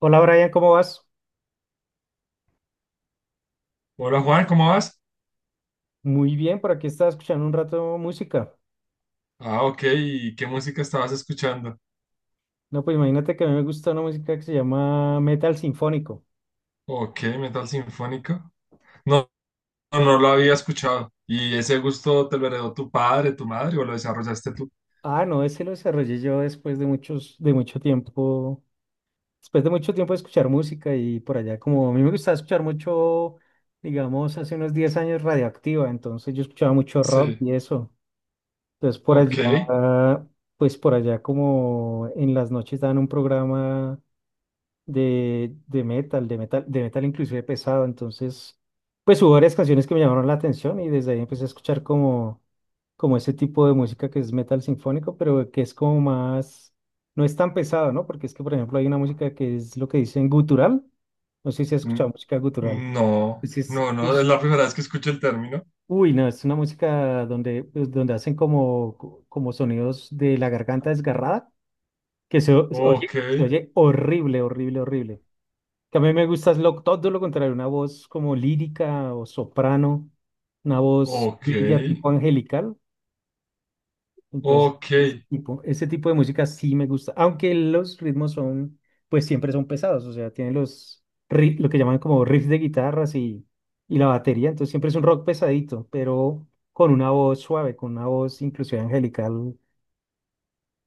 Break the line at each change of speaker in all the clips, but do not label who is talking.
Hola Brian, ¿cómo vas?
Hola Juan, ¿cómo vas?
Muy bien, por aquí estaba escuchando un rato música.
Ah, ok, ¿y qué música estabas escuchando?
No, pues imagínate que a mí me gusta una música que se llama metal sinfónico.
Ok, metal sinfónico. No, no, no lo había escuchado. ¿Y ese gusto te lo heredó tu padre, tu madre o lo desarrollaste tú?
Ah, no, ese lo desarrollé yo después de mucho tiempo, de escuchar música y por allá, como a mí me gustaba escuchar mucho, digamos, hace unos 10 años Radioactiva, entonces yo escuchaba mucho rock
Sí,
y eso. Entonces por allá,
ok.
pues por allá como en las noches daban un programa de metal inclusive pesado. Entonces, pues hubo varias canciones que me llamaron la atención y desde ahí empecé a escuchar como ese tipo de música que es metal sinfónico, pero que es como más, no es tan pesado, ¿no? Porque es que, por ejemplo, hay una música que es lo que dicen gutural. No sé si has escuchado
N-
música gutural.
No,
Pues es,
no,
uy,
no, es la primera vez que escucho el término.
no, es una música donde, pues, donde hacen como, como sonidos de la garganta desgarrada, que
Ok,
se oye horrible, horrible, horrible. Que a mí me gusta es todo lo contrario, una voz como lírica o soprano, una voz
ok,
bella tipo angelical. Entonces,
ok,
ese tipo de música sí me gusta, aunque los ritmos son, pues siempre son pesados, o sea, tienen lo que llaman como riffs de guitarras y la batería, entonces siempre es un rock pesadito, pero con una voz suave, con una voz inclusive angelical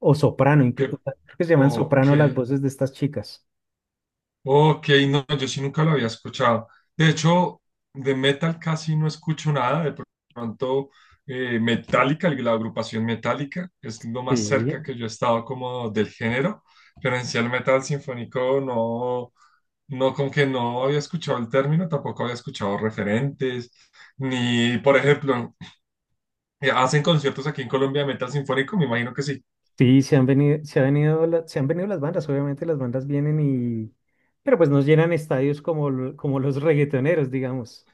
o soprano,
que,
creo que se llaman
ok.
soprano las voces de estas chicas.
Ok, no, yo sí nunca lo había escuchado. De hecho, de metal casi no escucho nada. De pronto, Metallica, la agrupación Metallica, es lo más cerca
Sí.
que yo he estado como del género. Pero en sí el metal sinfónico no, no, como que no había escuchado el término, tampoco había escuchado referentes, ni, por ejemplo, hacen conciertos aquí en Colombia de metal sinfónico, me imagino que sí.
Sí, se han venido, se han venido las bandas, obviamente las bandas vienen y, pero pues nos llenan estadios como, como los reggaetoneros, digamos.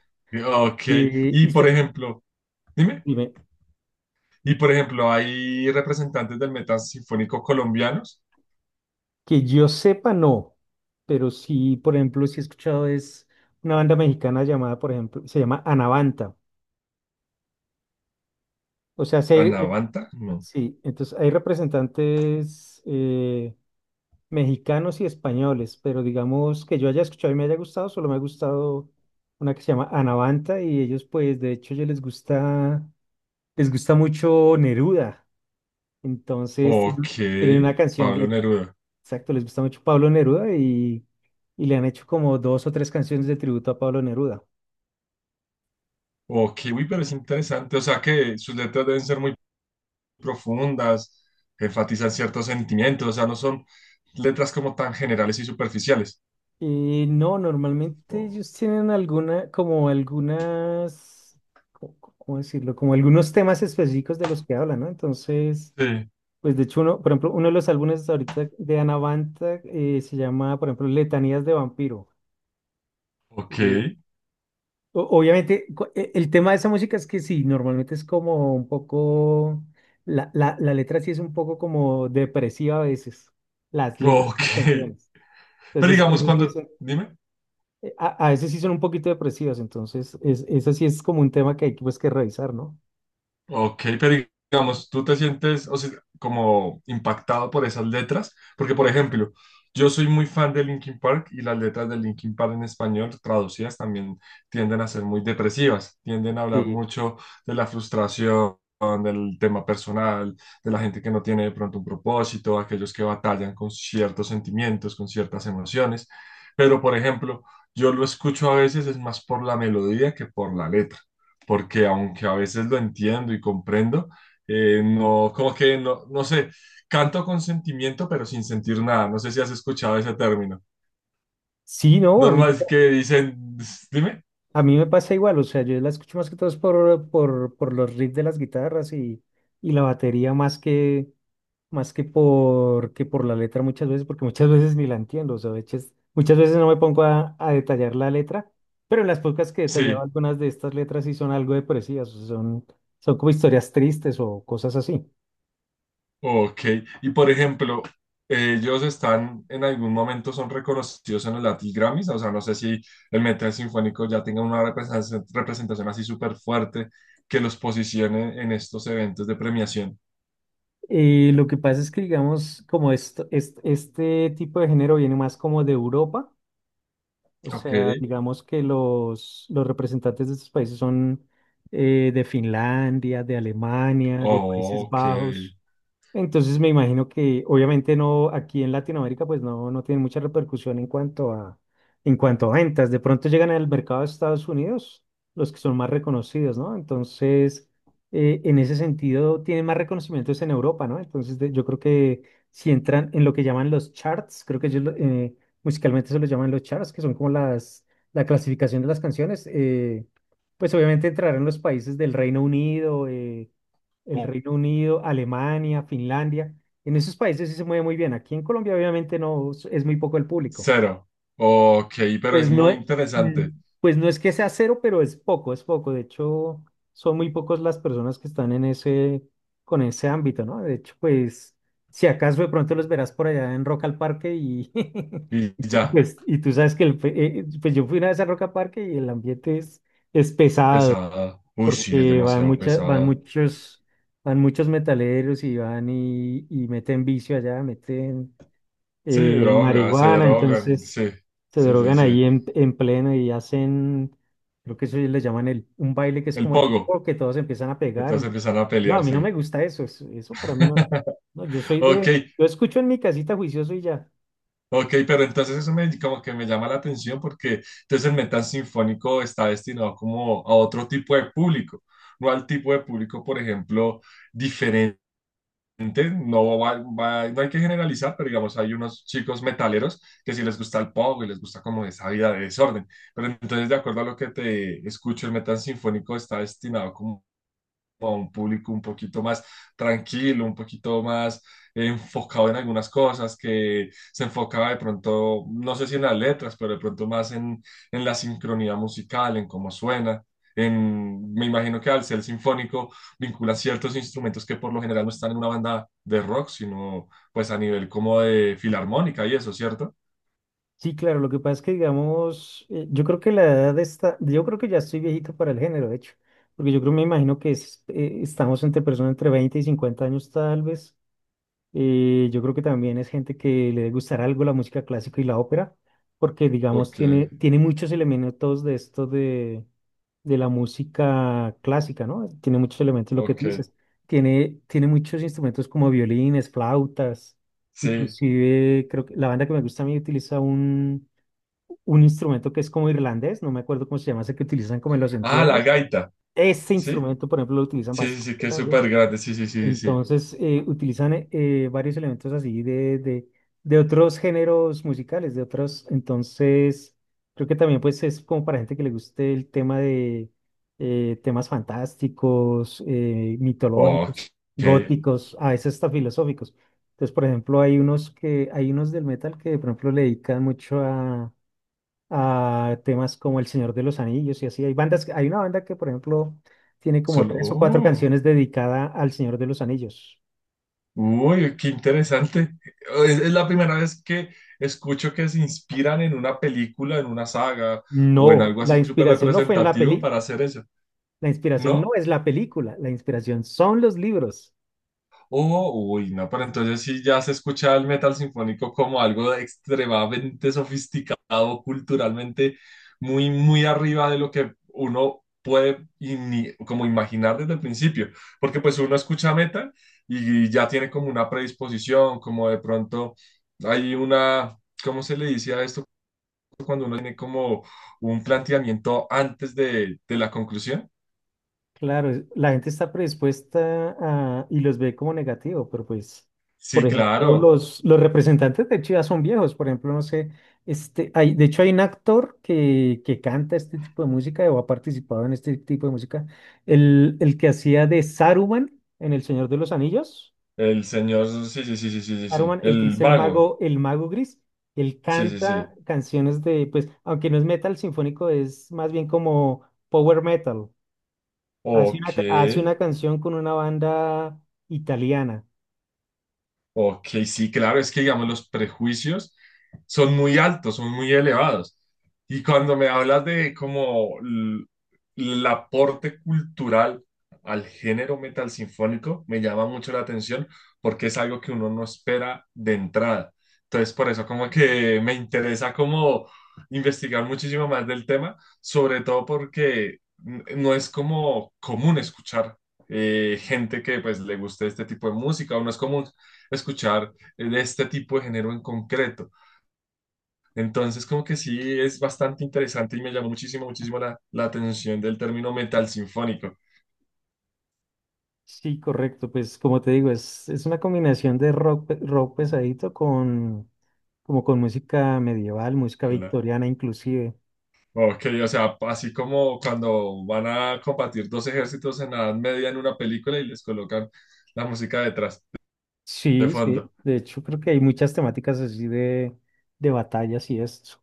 Ok,
Y,
y
y
por
se-
ejemplo, dime.
Dime,
Y por ejemplo, hay representantes del metal sinfónico colombianos.
que yo sepa, no, pero sí, por ejemplo, sí he escuchado es una banda mexicana llamada, por ejemplo, se llama Anavanta. O sea, sí, hay-
Anavanta, no.
sí, entonces hay representantes, mexicanos y españoles, pero digamos que yo haya escuchado y me haya gustado, solo me ha gustado una que se llama Anavanta y ellos pues de hecho ellos les gusta mucho Neruda, entonces tienen
Ok,
tienen una canción
Pablo
de,
Neruda.
exacto, les gusta mucho Pablo Neruda y le han hecho como dos o tres canciones de tributo a Pablo Neruda.
Ok, uy, pero es interesante. O sea que sus letras deben ser muy profundas, enfatizan ciertos sentimientos, o sea, no son letras como tan generales y superficiales.
No, normalmente
Oh,
ellos tienen alguna, como algunas, ¿cómo decirlo? Como algunos temas específicos de los que hablan, ¿no? Entonces.
sí,
Pues de hecho, uno, por ejemplo, uno de los álbumes ahorita de Anavanta se llama, por ejemplo, Letanías de Vampiro.
ok,
Y obviamente, el tema de esa música es que sí, normalmente es como un poco, la letra sí es un poco como depresiva a veces, las letras de las
ok.
canciones.
Pero
Entonces,
digamos,
ese sí es
cuando,
un-
dime.
a veces sí son un poquito depresivas, entonces, eso sí es como un tema que hay que, pues, que revisar, ¿no?
Ok, pero digamos, tú te sientes, o sea, como impactado por esas letras, porque por ejemplo, yo soy muy fan de Linkin Park y las letras de Linkin Park en español traducidas también tienden a ser muy depresivas, tienden a hablar
Sí.
mucho de la frustración, del tema personal, de la gente que no tiene de pronto un propósito, aquellos que batallan con ciertos sentimientos, con ciertas emociones, pero por ejemplo, yo lo escucho a veces es más por la melodía que por la letra porque aunque a veces lo entiendo y comprendo, no, como que no, no sé, canto con sentimiento, pero sin sentir nada. No sé si has escuchado ese término.
Sí, no, a mí.
Normal es que dicen, dime.
A mí me pasa igual, o sea, yo la escucho más que todo es por los riffs de las guitarras y la batería más que por la letra muchas veces, porque muchas veces ni la entiendo, o sea, muchas veces no me pongo a detallar la letra, pero en las pocas que detallaba
Sí,
algunas de estas letras sí son algo depresivas, o sea, son como historias tristes o cosas así.
ok. Y por ejemplo, ellos están en algún momento son reconocidos en los Latin Grammys, o sea, no sé si el metal sinfónico ya tenga una representación así súper fuerte que los posicione en estos eventos de premiación.
Lo que pasa es que, digamos, como esto, este tipo de género viene más como de Europa. O
Ok,
sea, digamos que los representantes de estos países son, de Finlandia, de Alemania, de Países
ok.
Bajos. Entonces me imagino que obviamente no, aquí en Latinoamérica pues no, no tiene mucha repercusión en cuanto a, ventas. De pronto llegan al mercado de Estados Unidos los que son más reconocidos, ¿no? Entonces, en ese sentido, tienen más reconocimientos en Europa, ¿no? Yo creo que si entran en lo que llaman los charts, creo que musicalmente se los llaman los charts, que son como la clasificación de las canciones, pues obviamente entrarán los países del Reino Unido. El Reino Unido, Alemania, Finlandia. En esos países sí se mueve muy bien. Aquí en Colombia obviamente no es, muy poco el público.
Cero. Ok, pero
Pues
es
no
muy
es, mm,
interesante.
pues no es que sea cero, pero es poco, es poco. De hecho, son muy pocos las personas que están en ese, con ese ámbito, ¿no? De hecho, pues si acaso de pronto los verás por allá en Rock al Parque y,
Y
y
ya,
pues y tú sabes que pues yo fui una vez a Rock al Parque y el ambiente es, pesado
pesada. Uy, sí, es
porque van
demasiado pesada.
muchos metaleros y van y meten vicio allá, meten,
Sí, droga, se
marihuana,
drogan.
entonces
Sí,
se
sí, sí,
drogan
sí.
ahí en pleno y hacen, creo que eso le llaman un baile que es
El
como el
pogo.
oh, que todos empiezan a pegar.
Entonces empiezan a
No, a
pelear,
mí no me
sí.
gusta eso, eso, eso para mí no. No,
Ok,
yo escucho en mi casita juicioso y ya.
ok, pero entonces eso me, como que me llama la atención porque entonces el metal sinfónico está destinado como a otro tipo de público, no al tipo de público, por ejemplo, gente. No, no hay que generalizar, pero digamos, hay unos chicos metaleros que sí les gusta el pop y les gusta como esa vida de desorden. Pero entonces, de acuerdo a lo que te escucho, el metal sinfónico está destinado como a un público un poquito más tranquilo, un poquito más enfocado en algunas cosas, que se enfocaba de pronto, no sé si en las letras, pero de pronto más en la sincronía musical, en cómo suena. En, me imagino que al ser sinfónico vincula ciertos instrumentos que por lo general no están en una banda de rock, sino pues a nivel como de filarmónica y eso, ¿cierto?
Sí, claro, lo que pasa es que, digamos, yo creo que yo creo que ya estoy viejito para el género, de hecho, porque yo creo, me imagino que es, estamos entre personas entre 20 y 50 años tal vez. Yo creo que también es gente que le debe gustar algo la música clásica y la ópera, porque, digamos,
Ok,
tiene muchos elementos de esto de la música clásica, ¿no? Tiene muchos elementos, lo que tú
ok,
dices. Tiene muchos instrumentos como violines, flautas,
sí.
inclusive creo que la banda que me gusta a mí utiliza un instrumento que es como irlandés, no me acuerdo cómo se llama, ese que utilizan como en los
Ah, la
entierros.
gaita,
Ese
¿sí?
instrumento, por ejemplo, lo utilizan
Sí, sí, sí,
bastante
que es
también.
súper grande, sí, sí, sí, sí. Sí.
Entonces, utilizan, varios elementos así de, de otros géneros musicales, de otros. Entonces, creo que también pues es como para gente que le guste el tema de, temas fantásticos,
Ok,
mitológicos, góticos, a veces hasta filosóficos. Entonces, por ejemplo, hay unos que, hay unos del metal que, por ejemplo, le dedican mucho a temas como El Señor de los Anillos y así. Hay bandas, hay una banda que, por ejemplo, tiene como
solo.
tres o cuatro
Oh,
canciones dedicada al Señor de los Anillos.
uy, qué interesante. Es la primera vez que escucho que se inspiran en una película, en una saga o en
No,
algo así
la
súper
inspiración no fue en la
representativo
peli,
para hacer eso,
la inspiración no
¿no?
es la película, la inspiración son los libros.
Oh, uy, no, pero entonces sí ya se escucha el metal sinfónico como algo de extremadamente sofisticado culturalmente, muy, muy arriba de lo que uno puede y como imaginar desde el principio, porque pues uno escucha metal y ya tiene como una predisposición, como de pronto hay una, ¿cómo se le dice a esto cuando uno tiene como un planteamiento antes de la conclusión?
Claro, la gente está predispuesta a, y los ve como negativo, pero pues,
Sí,
por ejemplo,
claro,
los representantes de Chivas son viejos, por ejemplo, no sé, este, hay, de hecho hay un actor que canta este tipo de música o ha participado en este tipo de música, el que hacía de Saruman en El Señor de los Anillos,
el señor, sí, sí, sí, sí, sí, sí, sí,
Saruman, el que
el
es
mago.
el mago gris, él
Sí, sí,
canta
sí.
canciones de, pues, aunque no es metal sinfónico, es más bien como power metal.
Ok.
Hace una canción con una banda italiana.
Ok, sí, claro, es que digamos los prejuicios son muy altos, son muy elevados. Y cuando me hablas de como el aporte cultural al género metal sinfónico, me llama mucho la atención porque es algo que uno no espera de entrada. Entonces, por eso como que me interesa como investigar muchísimo más del tema, sobre todo porque no es como común escuchar gente que pues le guste este tipo de música, o no es común escuchar de este tipo de género en concreto. Entonces, como que sí, es bastante interesante y me llamó muchísimo, muchísimo la, la atención del término metal sinfónico.
Sí, correcto. Pues como te digo, es una combinación de rock, rock pesadito con, como con música medieval, música
Claro.
victoriana inclusive.
Ok, o sea, así como cuando van a combatir dos ejércitos en la Edad Media en una película y les colocan la música detrás, de
Sí, sí.
fondo.
De hecho, creo que hay muchas temáticas así de batallas y esto.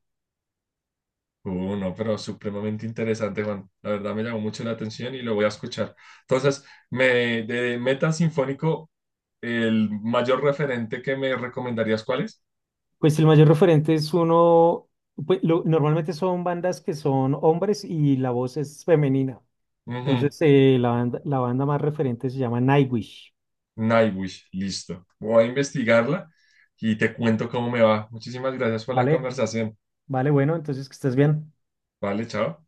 No, pero supremamente interesante, Juan. La verdad me llamó mucho la atención y lo voy a escuchar. Entonces, me, de metal sinfónico, el mayor referente que me recomendarías, ¿cuál es?
Pues el mayor referente es uno, pues, normalmente son bandas que son hombres y la voz es femenina.
Ujú,
Entonces, la banda más referente se llama Nightwish,
Nightwish, listo. Voy a investigarla y te cuento cómo me va. Muchísimas gracias por la
¿vale?
conversación.
Vale, bueno, entonces que estés bien.
Vale, chao.